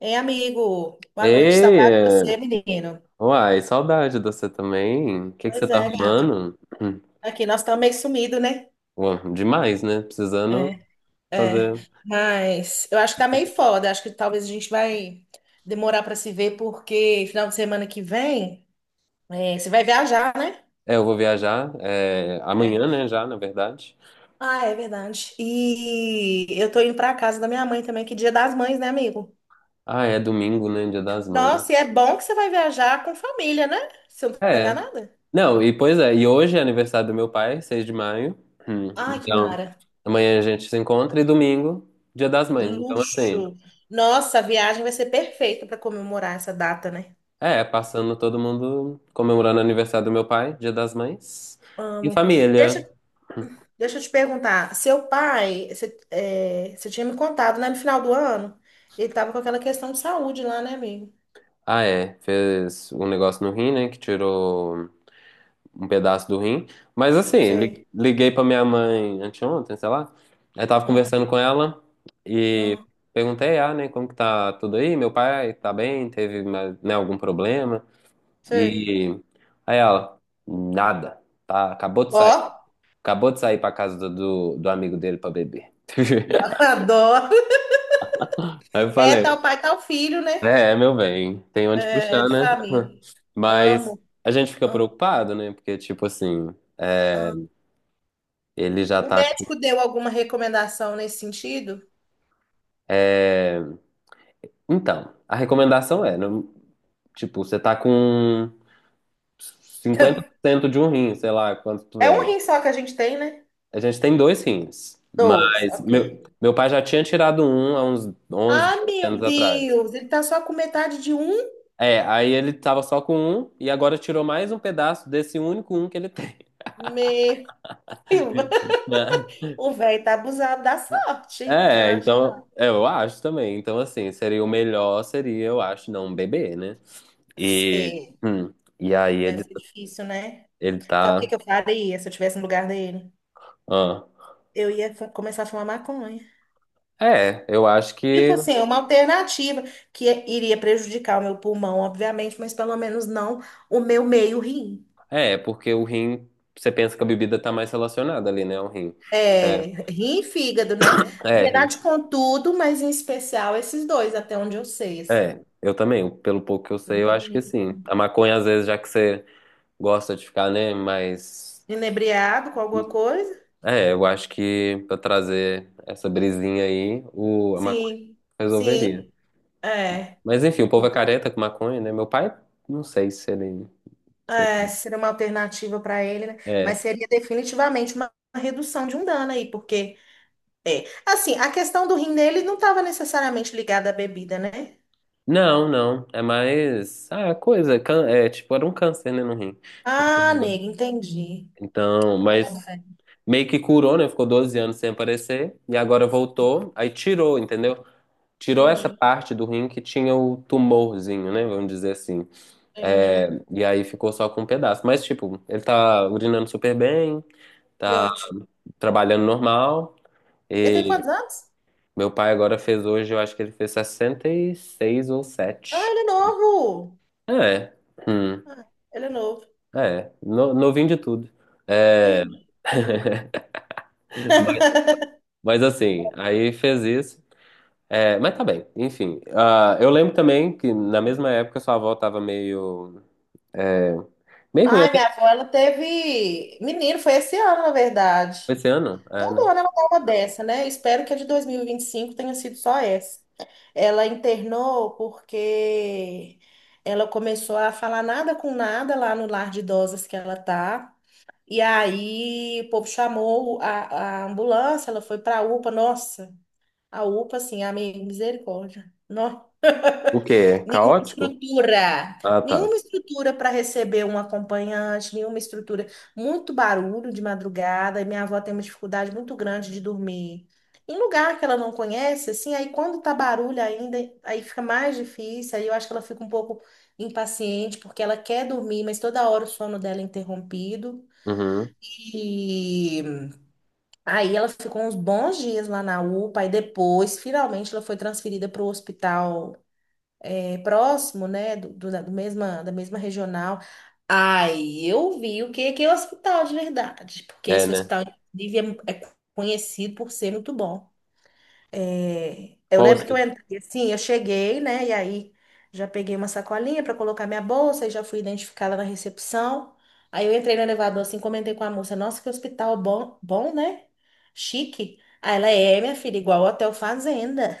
Ei, amigo, boa noite, Ei, saudade de é. você, menino. Uai, saudade de você também. O que que você Pois tá é, gato. arrumando? Aqui, nós estamos meio sumido, né? Ué, demais, né? Precisando É, é, fazer. mas eu acho que tá meio foda. Acho que talvez a gente vai demorar para se ver, porque final de semana que vem, você vai viajar, né? É, eu vou viajar é, É. amanhã, né? Já, na verdade. Ah, é verdade. E eu tô indo pra casa da minha mãe também, que é Dia das Mães, né, amigo? Ah, é domingo, né? Dia das Mães. Nossa, e é bom que você vai viajar com família, né? Se eu não tô É. enganada. Não, e pois é, e hoje é aniversário do meu pai, 6 de maio. Hum. Ai, que Então, mara. amanhã a gente se encontra e domingo, Dia das Mães. Então, assim, Luxo. Nossa, a viagem vai ser perfeita para comemorar essa data, né? Passando todo mundo comemorando o aniversário do meu pai, Dia das Mães. E Amo. Deixa, família. deixa eu te perguntar. Seu pai, você tinha me contado, né, no final do ano, ele tava com aquela questão de saúde lá, né, amigo? Ah, é. Fez um negócio no rim, né? Que tirou um pedaço do rim. Mas assim, Sei. Liguei pra minha mãe anteontem, sei lá. Aí tava Ah, conversando com ela e ah, perguntei, ah, né, como que tá tudo aí? Meu pai tá bem? Teve, né, algum problema? sei. E aí ela, nada. Tá, acabou de Ó, sair. Acabou de sair pra casa do amigo dele pra beber. adoro. Aí eu É falei, tal pai, tal filho, né? é, é, meu bem, tem onde É, puxar, de né? família. Mas Amo. a gente fica Ah, preocupado, né? Porque, tipo assim, é, ah. ele já O tá. Médico deu alguma recomendação nesse sentido? É, então, a recomendação é, tipo, você tá com cinquenta por cento de um rim, sei lá quanto tu É um é. rim só que a gente tem, né? A gente tem dois rins, Dois, mas ok. Meu pai já tinha tirado um há uns 11 Ah, meu anos atrás. Deus, ele tá só com metade de um? É, aí ele tava só com um e agora tirou mais um pedaço desse único um que ele tem. Meu, o velho tá abusado da sorte, você É, não é, acha, não? então, é, eu acho também. Então, assim, seria o melhor, seria, eu acho, não beber, né? E, Sim, hum, e aí deve ser difícil, né? ele Sabe o que tá. que eu faria se eu tivesse no lugar dele? Ah. Eu ia começar a fumar maconha. É, eu acho Tipo que. assim, é uma alternativa que iria prejudicar o meu pulmão, obviamente, mas pelo menos não o meu meio rim. É, porque o rim, você pensa que a bebida tá mais relacionada ali, né? O rim. É, É, rim e fígado, né? Na é, rim. verdade, com tudo, mas em especial esses dois, até onde eu sei, assim. É, eu também, pelo pouco que eu sei, eu acho que Menino. sim. A maconha, às vezes, já que você gosta de ficar, né? Mas. Inebriado com alguma coisa? É, eu acho que pra trazer essa brisinha aí, a maconha Sim, resolveria. sim. É. Mas enfim, o povo é careta com maconha, né? Meu pai, não sei se ele. se É, ele- seria uma alternativa para ele, né? É. Mas seria definitivamente uma redução de um dano aí, porque é. Assim, a questão do rim dele não estava necessariamente ligada à bebida, né? Não, não. É mais. Ah, é coisa. É, tipo, era um câncer, né, no rim. Ah, nega, entendi. Então, Bota mas fé. meio que curou, né? Ficou 12 anos sem aparecer. E agora voltou. Aí tirou, entendeu? Tirou essa Entendi, parte do rim que tinha o tumorzinho, né? Vamos dizer assim. É, entendi. e aí ficou só com um pedaço. Mas, tipo, ele tá urinando super bem, Que tá ótimo. trabalhando normal. Ele tem quantos anos? Meu pai agora fez hoje, eu acho que ele fez 66 ou Ah, sete. ele é novo. É. Hum. Ah, ele é novo. É. Novinho de tudo. É. Entendi. Hum. Mas mas assim, aí fez isso. É, mas tá bem, enfim. Ah, eu lembro também que na mesma época sua avó tava meio. Meio ruim Ai, até minha avó, ela teve menino, foi esse ano, na verdade. esse ano. É, Todo né? ano ela dá uma dessa, né? Espero que a de 2025 tenha sido só essa. Ela internou porque ela começou a falar nada com nada lá no lar de idosas que ela tá. E aí o povo chamou a ambulância, ela foi pra UPA. Nossa, a UPA, assim, a misericórdia, misericórdia. O quê? Nenhuma Caótico? estrutura, Ah, nenhuma tá. estrutura para receber um acompanhante, nenhuma estrutura. Muito barulho de madrugada, e minha avó tem uma dificuldade muito grande de dormir. Em lugar que ela não conhece, assim, aí quando tá barulho ainda, aí fica mais difícil, aí eu acho que ela fica um pouco impaciente, porque ela quer dormir, mas toda hora o sono dela é interrompido. Uhum. E aí ela ficou uns bons dias lá na UPA, e depois, finalmente, ela foi transferida para o hospital próximo, né, da mesma regional. Aí eu vi o que que é o hospital de verdade, porque É, esse né? hospital, inclusive, é conhecido por ser muito bom. É, eu Qual lembro os... que eu entrei assim, eu cheguei, né, e aí já peguei uma sacolinha para colocar minha bolsa e já fui identificada na recepção. Aí eu entrei no elevador assim, comentei com a moça, nossa, que hospital bom, bom, né? Chique. Aí ela é, minha filha, igual o Hotel Fazenda.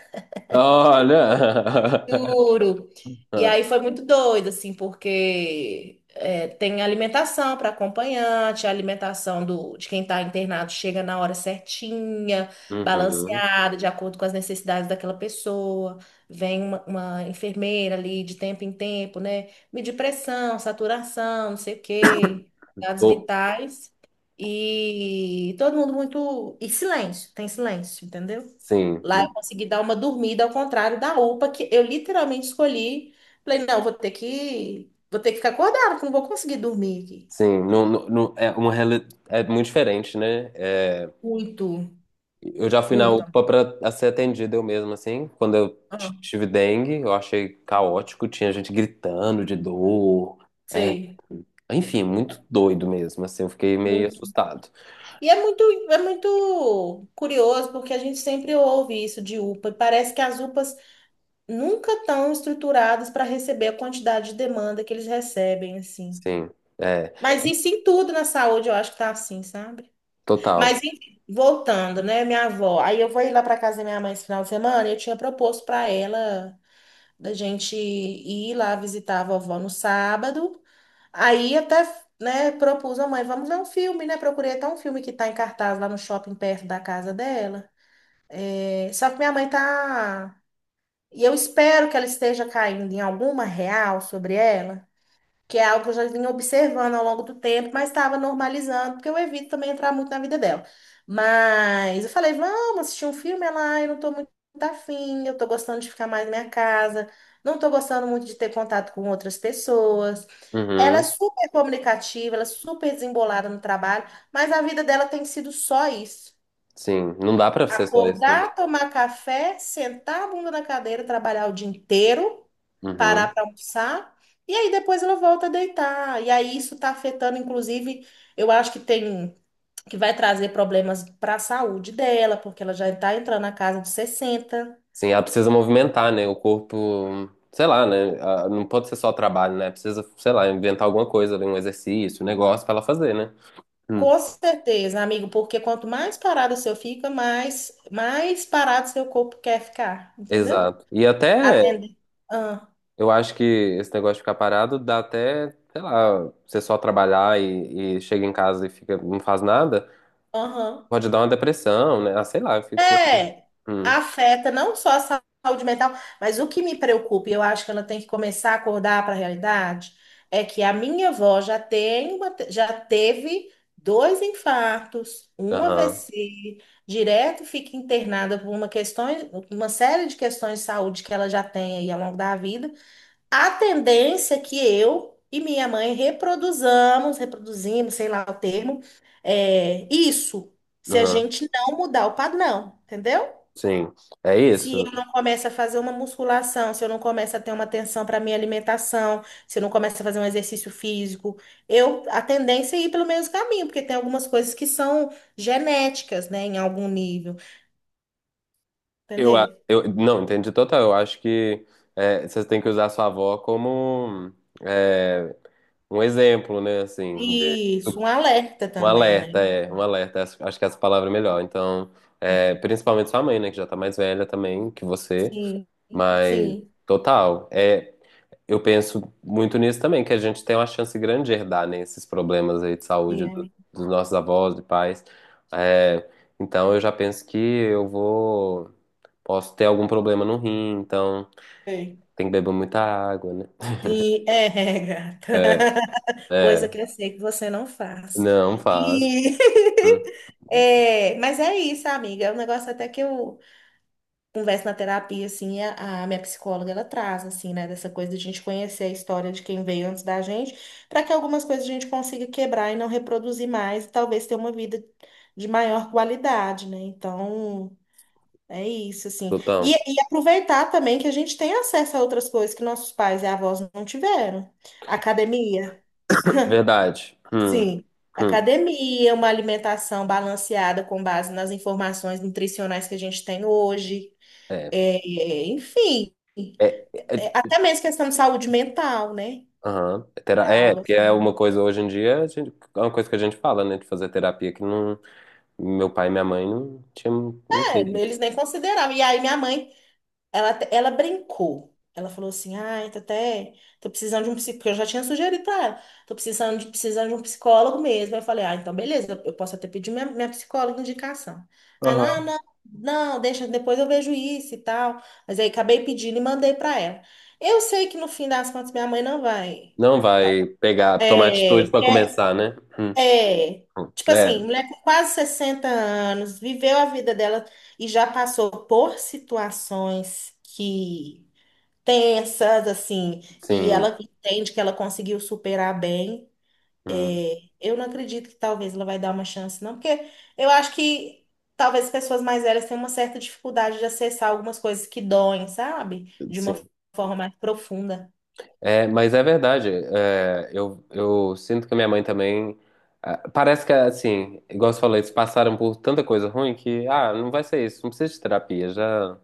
Olha! Juro. E aí foi muito doido, assim, porque tem alimentação para acompanhante, a alimentação de quem está internado chega na hora certinha, Uhum. balanceada, de acordo com as necessidades daquela pessoa. Vem uma enfermeira ali de tempo em tempo, né? Medir pressão, saturação, não sei o quê, dados Tô. vitais. E todo mundo muito. E silêncio, tem silêncio, entendeu? Sim. Lá eu consegui dar uma dormida, ao contrário da UPA, que eu literalmente escolhi. Falei, não, vou ter que ficar acordada, que não vou conseguir dormir aqui. Sim, é uma é muito diferente, né? É, Muito, eu já fui na muito. UPA para ser atendido eu mesmo, assim. Quando eu Ah, tive dengue, eu achei caótico, tinha gente gritando de dor. É, sei, enfim, muito doido mesmo, assim. Eu fiquei meio muito. assustado. E é muito curioso, porque a gente sempre ouve isso de UPA, e parece que as UPAs nunca estão estruturadas para receber a quantidade de demanda que eles recebem, assim. Sim, é, Mas isso em tudo na saúde, eu acho que tá assim, sabe? Mas total. enfim, voltando, né, minha avó. Aí eu vou ir lá para casa da minha mãe esse final de semana, e eu tinha proposto para ela da gente ir lá visitar a vovó no sábado. Aí até, né, propus à mãe, vamos ver um filme, né? Procurei até um filme que tá em cartaz lá no shopping perto da casa dela. É, só que minha mãe tá. E eu espero que ela esteja caindo em alguma real sobre ela, que é algo que eu já vinha observando ao longo do tempo, mas estava normalizando, porque eu evito também entrar muito na vida dela. Mas eu falei, vamos assistir um filme, ela, "Ai, eu não tô muito afim, eu tô gostando de ficar mais na minha casa, não tô gostando muito de ter contato com outras pessoas." Ela é Uhum, super comunicativa, ela é super desembolada no trabalho, mas a vida dela tem sido só isso. sim, não dá para ser só isso, né? Acordar, tomar café, sentar a bunda na cadeira, trabalhar o dia inteiro, Uhum. parar para almoçar, e aí depois ela volta a deitar. E aí isso está afetando, inclusive, eu acho que tem que vai trazer problemas para a saúde dela, porque ela já está entrando na casa de sessenta. Sim, ela precisa movimentar, né? O corpo, sei lá, né? Ah, não pode ser só trabalho, né? Precisa, sei lá, inventar alguma coisa, ali, um exercício, um negócio pra ela fazer, né? Hum, Com certeza, amigo, porque quanto mais parado o seu fica, mais parado seu corpo quer ficar, entendeu? exato. E até Atender. Ah, eu acho que esse negócio de ficar parado dá até, sei lá, você só trabalhar e chega em casa e fica, não faz nada, aham. pode dar uma depressão, né? Ah, sei lá, eu fico. É, Hum, afeta não só a saúde mental, mas o que me preocupa, e eu acho que ela tem que começar a acordar para a realidade, é que a minha avó já teve dois infartos, um aham, AVC, direto fica internada por uma série de questões de saúde que ela já tem aí ao longo da vida. A tendência é que eu e minha mãe reproduzamos, reproduzimos, sei lá o termo, isso, se a aham. gente não mudar o padrão, entendeu? Sim. É Se isso. eu não começo a fazer uma musculação, se eu não começo a ter uma atenção para minha alimentação, se eu não começo a fazer um exercício físico, eu a tendência é ir pelo mesmo caminho, porque tem algumas coisas que são genéticas, né, em algum nível, entendeu? Eu não entendi total. Eu acho que é, você tem que usar a sua avó como é, um exemplo, né? Assim, de. Isso, um alerta Um também, né? alerta, é, um alerta, acho que essa palavra é melhor. Então, é, principalmente sua mãe, né, que já tá mais velha também que você, Sim, mas sim, total, é, eu penso muito nisso também, que a gente tem uma chance grande de herdar, né, esses problemas aí de saúde sim, dos nossos avós e pais. É, então, eu já penso que posso ter algum problema no rim, então amiga. tem que beber muita água, né? Sim, é, gata. É, Coisa é, que eu sei que você não faz. não faz. E. Hum, É, mas é isso, amiga. É um negócio até que eu converso na terapia, assim, a minha psicóloga, ela traz, assim, né, dessa coisa de a gente conhecer a história de quem veio antes da gente, para que algumas coisas a gente consiga quebrar e não reproduzir mais, e talvez ter uma vida de maior qualidade, né? Então, é isso, assim. E, total. e aproveitar também que a gente tem acesso a outras coisas que nossos pais e avós não tiveram. Academia, Verdade. Sim. hum, Academia, uma alimentação balanceada com base nas informações nutricionais que a gente tem hoje. é. É, enfim, É, é, até mesmo questão de saúde mental, né? aham. É é, Algo porque é assim. uma coisa hoje em dia, é uma coisa que a gente fala, né? De fazer terapia que não, meu pai e minha mãe não tinham, não É, teve. eles nem consideravam. E aí minha mãe, ela brincou. Ela falou assim: ai, tô até. Tô precisando de um psicólogo. Eu já tinha sugerido pra ela. Tô precisando de um psicólogo mesmo. Eu falei: ah, então beleza, eu posso até pedir minha psicóloga indicação. Aí ela, ah, Aham. não, não, deixa, depois eu vejo isso e tal. Mas aí acabei pedindo e mandei pra ela. Eu sei que no fim das contas minha mãe não vai. Não vai pegar, tomar É, atitude pra quer, começar, né? Hum. é, tipo É, assim, mulher com quase 60 anos, viveu a vida dela e já passou por situações que tensas, assim, e sim. ela entende que ela conseguiu superar bem. Hum, É, eu não acredito que talvez ela vai dar uma chance, não, porque eu acho que talvez as pessoas mais velhas tenham uma certa dificuldade de acessar algumas coisas que doem, sabe? De uma sim. forma mais profunda. É, mas é verdade. É, eu sinto que a minha mãe também. Ah, parece que, assim, igual você falou, eles passaram por tanta coisa ruim que, ah, não vai ser isso, não precisa de terapia, já.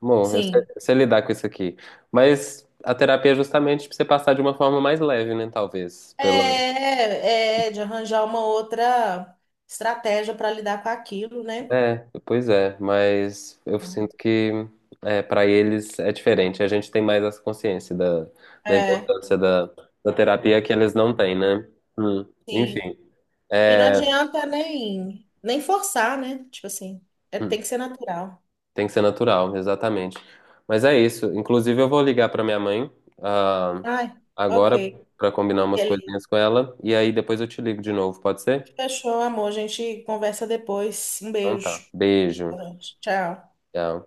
Bom, Sim. eu sei lidar com isso aqui. Mas a terapia é justamente pra você passar de uma forma mais leve, né? Talvez. É, Pela... é de arranjar uma outra estratégia para lidar com aquilo, né? É, pois é. Mas eu sinto que é, para eles é diferente. A gente tem mais essa consciência da, da É, importância da, da terapia que eles não têm, né? Hum. sim. Enfim. E não É, adianta nem forçar, né? Tipo assim, tem hum, que ser natural. tem que ser natural, exatamente. Mas é isso. Inclusive, eu vou ligar pra minha mãe, ah, Ai, ok. agora para combinar umas Beleza. coisinhas com ela. E aí depois eu te ligo de novo, pode ser? Fechou, amor. A gente conversa depois. Um Então tá. beijo. Beijo. Boa noite. Tchau. Tchau.